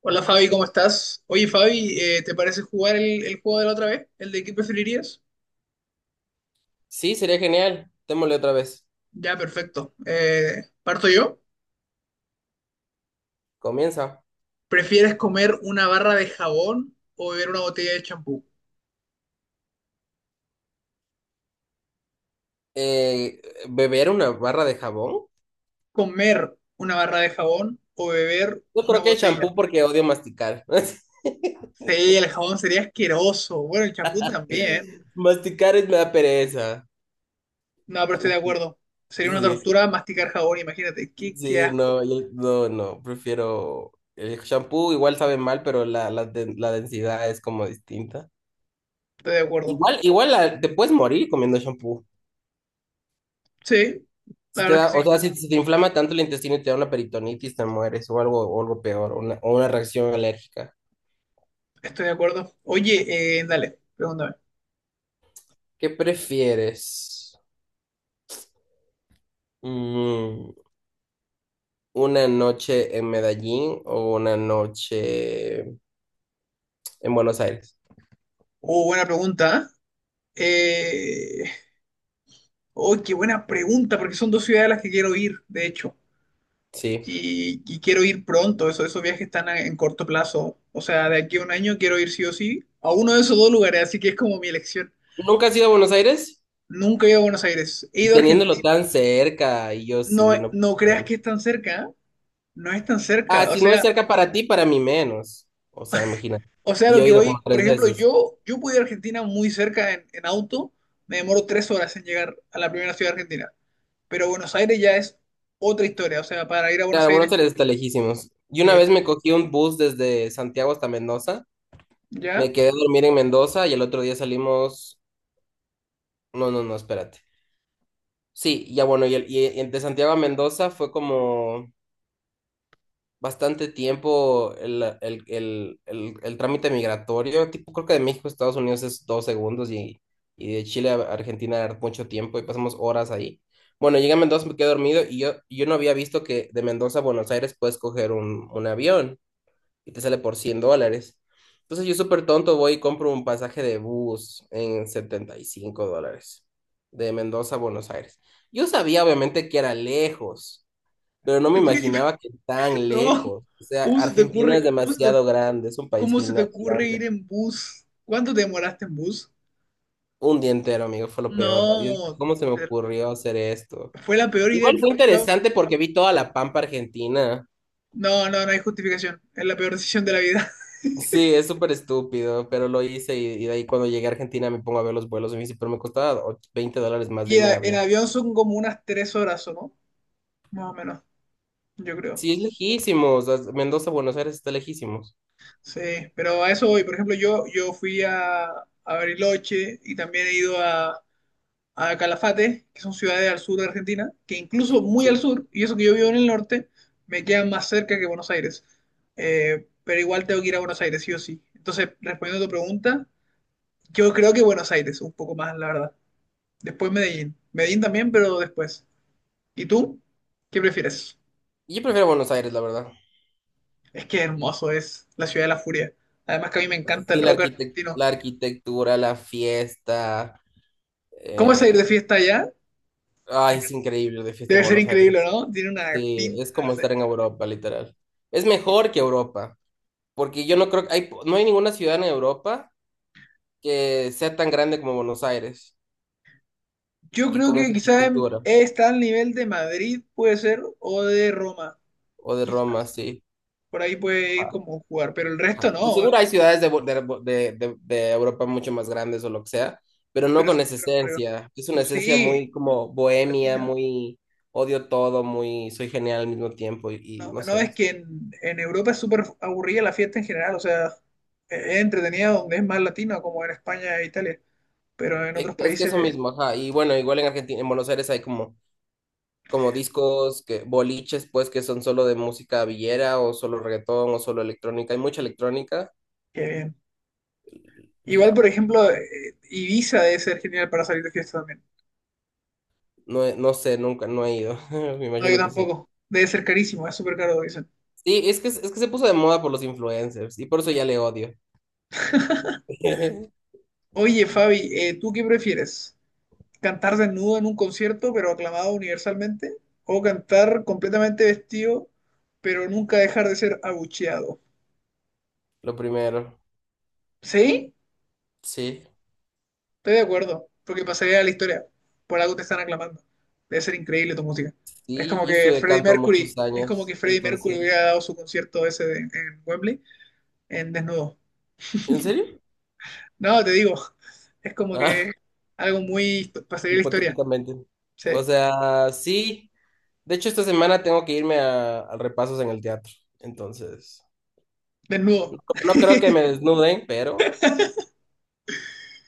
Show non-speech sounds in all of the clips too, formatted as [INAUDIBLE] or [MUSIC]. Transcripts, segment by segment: Hola Fabi, ¿cómo estás? Oye Fabi, ¿te parece jugar el juego de la otra vez? ¿El de qué preferirías? Sí, sería genial. Démosle otra vez. Ya, perfecto. ¿Parto yo? Comienza. ¿Prefieres comer una barra de jabón o beber una botella de champú? Eh, ¿Beber una barra de jabón? ¿Comer una barra de jabón o beber Yo una creo que botella? shampoo porque odio masticar. Sí, el jabón sería asqueroso. Bueno, el champú también. [LAUGHS] Masticar es me da pereza. No, pero estoy de acuerdo. Sería una Sí, tortura masticar jabón, imagínate. Qué sí, asco. no, no, no, prefiero el shampoo, igual sabe mal, pero la densidad es como distinta. Estoy de acuerdo. Igual, te puedes morir comiendo shampoo. Sí, la Si te verdad es da, que o sí. sea, si te inflama tanto el intestino y te da una peritonitis, te mueres o algo peor, o una reacción alérgica. Estoy de acuerdo. Oye, dale, pregúntame. ¿Qué prefieres? Mm, ¿Una noche en Medellín o una noche en Buenos Aires? Oh, buena pregunta, ¿eh? Eh, oh, qué buena pregunta, porque son dos ciudades a las que quiero ir, de hecho. Sí. Y quiero ir pronto, eso, esos viajes en corto plazo. O sea, de aquí a un año quiero ir sí o sí a uno de esos dos lugares, así que es como mi elección. ¿Nunca has ido a Buenos Aires? Nunca he ido a Buenos Aires, he Y ido a teniéndolo Argentina. tan cerca, y yo No, sí, no puedo no creas creerlo. que es tan cerca, ¿eh? No es tan Ah, cerca. Si no es cerca para ti, para mí menos. O sea, imagínate. O sea, Y lo yo he que ido voy, como por tres ejemplo, veces. yo puedo ir a Argentina muy cerca en auto, me demoro tres horas en llegar a la primera ciudad argentina. Pero Buenos Aires ya es otra historia. O sea, para ir a Buenos Claro, Aires. Buenos Aires está lejísimos. Y una Sí, vez está. me cogí un bus desde Santiago hasta Mendoza. ¿Ya? Me quedé a dormir en Mendoza y el otro día salimos... No, no, no, espérate. Sí, ya bueno, y el de Santiago a Mendoza fue como bastante tiempo el trámite migratorio, tipo creo que de México a Estados Unidos es 2 segundos y de Chile a Argentina era mucho tiempo y pasamos horas ahí. Bueno, llegué a Mendoza, me quedé dormido y yo no había visto que de Mendoza a Buenos Aires puedes coger un avión y te sale por $100. Entonces yo súper tonto voy y compro un pasaje de bus en $75 de Mendoza a Buenos Aires. Yo sabía obviamente que era lejos, pero no me Te fui- diciendo- imaginaba que [LAUGHS] tan No. lejos. O sea, ¿Cómo se te Argentina es ocurre, demasiado grande, es un país cómo se te ocurre ir gigante. en bus? ¿Cuánto te demoraste en bus? Un día entero, amigo, fue lo peor. Yo dije, No. ¿cómo se me te- ocurrió hacer esto? Fue la peor idea Igual que he fue escuchado. interesante porque vi toda la pampa argentina. No, no, no hay justificación. Es la peor decisión de la vida. [LAUGHS] Sí, es súper estúpido, pero lo hice y de ahí cuando llegué a Argentina me pongo a ver los vuelos y me dice, pero me costaba $20 más de ¿Y irme en en avión. avión son como unas tres horas, o no? Más o menos, yo creo. Sí, es lejísimos. O sea, Mendoza, Buenos Aires está lejísimos. Sí, pero a eso voy. Por ejemplo, yo fui a Bariloche y también he ido a Calafate, que son ciudades al sur de Argentina, que incluso muy al Sí. sur, y eso que yo vivo en el norte, me quedan más cerca que Buenos Aires. Pero igual tengo que ir a Buenos Aires, sí o sí. Entonces, respondiendo a tu pregunta, yo creo que Buenos Aires, un poco más, la verdad. Después Medellín. Medellín también, pero después. ¿Y tú? ¿Qué prefieres? Yo prefiero Buenos Aires, la verdad. Es que hermoso es la ciudad de la furia. Además que a mí me encanta el Sí, la rock arquitec- argentino. la arquitectura, la fiesta. ¿Cómo es ir de eh, fiesta allá? Ay, es increíble de fiesta en Debe ser Buenos increíble, Aires. ¿no? Tiene una Sí, pinta. es como estar en Europa, literal. Es mejor que Europa, porque yo no creo que hay, no hay ninguna ciudad en Europa que sea tan grande como Buenos Aires Yo y creo con que esa quizás arquitectura. está al nivel de Madrid, puede ser, o de Roma, O de Roma, quizás. sí. Por ahí puede ir Ajá, como jugar, pero el resto ajá. De no, seguro hay ciudades de, de Europa mucho más grandes o lo que sea, pero no pero es con esa súper aburrido. esencia. Es una esencia Sí, muy como bohemia, latina. muy odio todo, muy soy genial al mismo tiempo y No, no no, sé. es que en Europa es súper aburrida la fiesta en general, o sea, es entretenida donde es más latina, como en España e Italia, pero en Es, otros es que eso países, mismo, ajá. Y bueno, igual en Argentina, en Buenos Aires hay como, como discos, que, boliches, pues que son solo de música villera o solo reggaetón o solo electrónica. Hay mucha electrónica qué bien. y Igual, ya. por ejemplo, Ibiza debe ser genial para salir de fiesta también. No, no sé, nunca, no he ido. [LAUGHS] Me No, yo imagino que sí. tampoco. Debe ser carísimo, es súper caro, dicen. Sí, es que se puso de moda por los influencers y por eso ya le odio. [LAUGHS] Oye, Fabi, ¿tú qué prefieres? ¿Cantar desnudo en un concierto, pero aclamado universalmente, o cantar completamente vestido, pero nunca dejar de ser abucheado? Lo primero, ¿Sí? sí. Estoy de acuerdo, porque pasaría a la historia. Por algo te están aclamando. Debe ser increíble tu música. Es Sí, como yo que estudié Freddie canto muchos Mercury, es como años, que Freddie Mercury hubiera entonces... dado su concierto en Wembley en desnudo. ¿En serio? No, te digo, [LAUGHS] es como Ah, que algo muy [LAUGHS] pasaría a la historia. hipotéticamente. Sí, O sea, sí. De hecho, esta semana tengo que irme a, repasos en el teatro. Entonces, desnudo. no creo que me [LAUGHS] desnuden, pero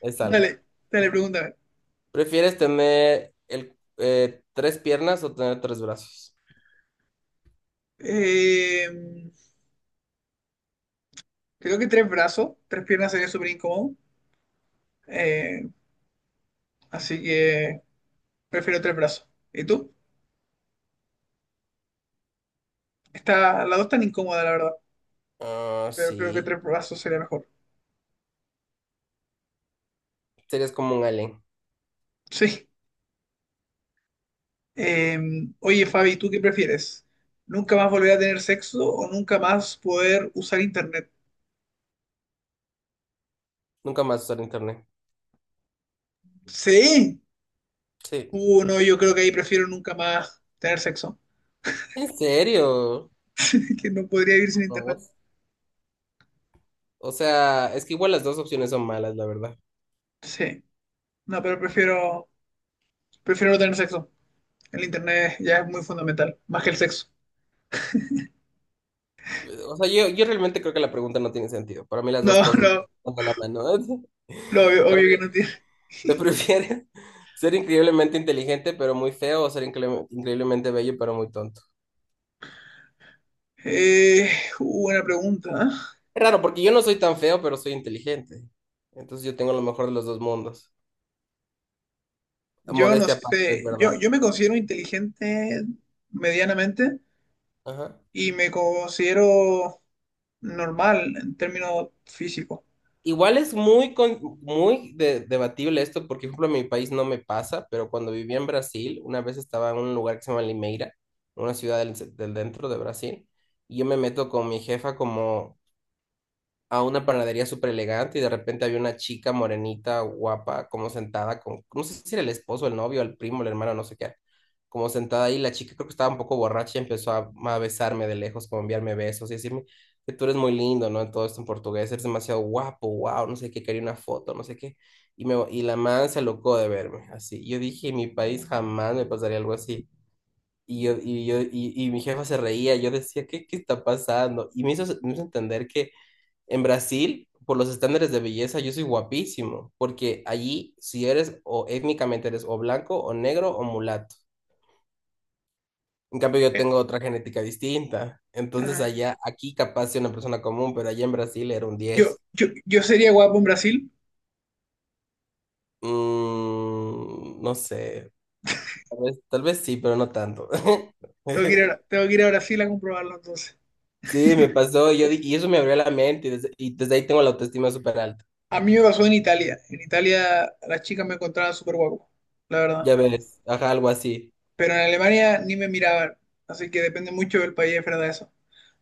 es algo. Dale, dale, pregúntame. ¿Prefieres tener tres piernas o tener tres brazos? Eh, Creo que tres brazos, tres piernas sería súper incómodo. eh, así que prefiero tres brazos. ¿Y tú? Está, la dos tan incómoda, la verdad. Ah, Pero creo que sí. tres brazos sería mejor. Serías como un alien. Sí. Eh, oye, Fabi, ¿tú qué prefieres? ¿Nunca más volver a tener sexo o nunca más poder usar internet? Nunca más usar internet. Sí. Sí. No, yo creo que ahí prefiero nunca más tener sexo. ¿En serio? [LAUGHS] Que no podría vivir sin No. internet. O sea, es que igual las dos opciones son malas, la verdad. Sí. No, pero prefiero, prefiero no tener sexo. El internet ya es muy fundamental, más que el sexo. O sea, yo realmente creo que la pregunta no tiene sentido. Para mí las dos No, [LAUGHS] cosas no, van de la mano. [LAUGHS] lo obvio, A obvio ver, que no tiene. ¿te prefieres ser increíblemente inteligente pero muy feo o ser increíblemente bello pero muy tonto? Eh, buena pregunta, ¿eh? Es raro porque yo no soy tan feo pero soy inteligente. Entonces yo tengo lo mejor de los dos mundos. Yo no Modestia aparte, es sé. Yo, verdad. yo me considero inteligente medianamente Ajá. y me considero normal en términos físicos. Igual es muy, muy debatible esto, porque, por ejemplo, en mi país no me pasa, pero cuando vivía en Brasil, una vez estaba en un lugar que se llama Limeira, una ciudad del dentro de Brasil, y yo me meto con mi jefa como a una panadería súper elegante y de repente había una chica morenita, guapa, como sentada con, no sé si era el esposo, el novio, el primo, el hermano, no sé qué, como sentada ahí, la chica creo que estaba un poco borracha y empezó a, besarme de lejos, como enviarme besos y decirme que tú eres muy lindo, ¿no? Todo esto en portugués, eres demasiado guapo, wow, no sé qué, quería una foto, no sé qué. Y la man se alocó de verme, así. Yo dije, en mi país jamás me pasaría algo así. Y mi jefa se reía, yo decía, ¿qué está pasando? Y me hizo entender que en Brasil, por los estándares de belleza, yo soy guapísimo, porque allí si eres o étnicamente eres o blanco o negro o mulato. En cambio, yo Eh, tengo otra genética distinta. Entonces, eh, allá, aquí capaz soy una persona común, pero allá en Brasil era un yo, diez. yo, yo sería guapo en Brasil. Mm, no sé, tal vez sí, pero no tanto. [LAUGHS] Tengo que ir a, tengo que ir a Brasil a comprobarlo entonces. Sí, me pasó, y eso me abrió la mente y desde ahí tengo la autoestima súper alta. A mí me pasó en Italia. En Italia las chicas me encontraban súper guapo, la verdad. Ya ves, ajá, algo así. Pero en Alemania ni me miraban. Así que depende mucho del país, es verdad eso.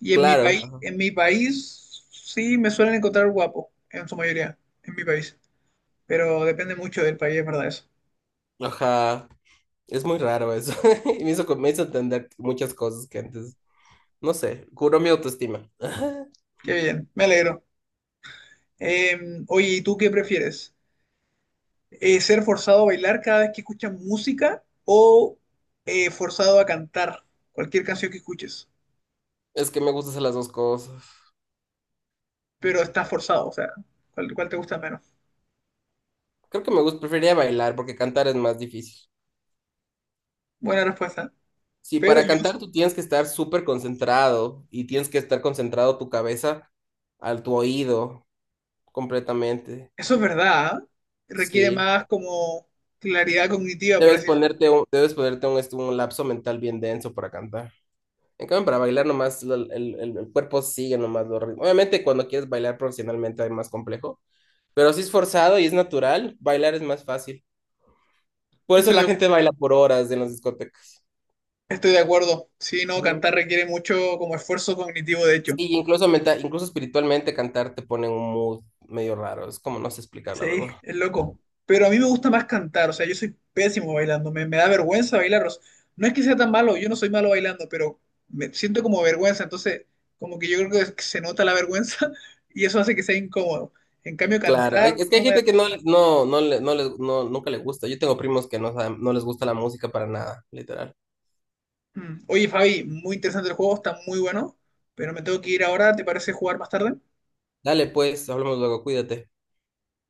Y Claro, en mi país sí me suelen encontrar guapo, en su mayoría, en mi país. Pero depende mucho del país, es verdad eso. ajá. Es muy raro eso. [LAUGHS] Y me hizo entender muchas cosas que antes, no sé, curó mi autoestima. [LAUGHS] Qué bien, me alegro. Oye, ¿y tú qué prefieres? ¿Ser forzado a bailar cada vez que escuchas música o forzado a cantar cualquier canción que escuches? Es que me gustan hacer las dos cosas. Pero estás forzado, o sea, ¿cuál te gusta menos? Creo que me gusta, preferiría bailar porque cantar es más difícil. Buena respuesta. Si Pero para yo, cantar tú tienes que estar súper concentrado y tienes que estar concentrado tu cabeza al tu oído completamente. eso es verdad, ¿ah? Requiere Sí. más como claridad cognitiva, por así decirlo. Debes ponerte un, este, un lapso mental bien denso para cantar. En cambio, para bailar nomás el, el cuerpo sigue nomás los ritmos. Obviamente cuando quieres bailar profesionalmente es más complejo, pero si es forzado y es natural, bailar es más fácil. Por eso Estoy la de gente baila por horas en las discotecas. Estoy de acuerdo. Sí, no, cantar Ujú. requiere mucho como esfuerzo cognitivo, de hecho. Sí, incluso, incluso espiritualmente cantar te pone en un mood medio raro. Es como no sé explicar, la Sí, verdad. es loco. Pero a mí me gusta más cantar, o sea, yo soy pésimo bailando, me da vergüenza bailar. O sea, no es que sea tan malo, yo no soy malo bailando, pero me siento como vergüenza, entonces como que yo creo que que se nota la vergüenza [LAUGHS] y eso hace que sea incómodo. En cambio, Claro, cantar es que hay no me da gente que no, vergüenza. no, no, nunca le gusta. Yo tengo primos que no, no les gusta la música para nada, literal. Mm. Oye, Fabi, muy interesante el juego, está muy bueno, pero me tengo que ir ahora, ¿te parece jugar más tarde? Dale, pues, hablamos luego, cuídate.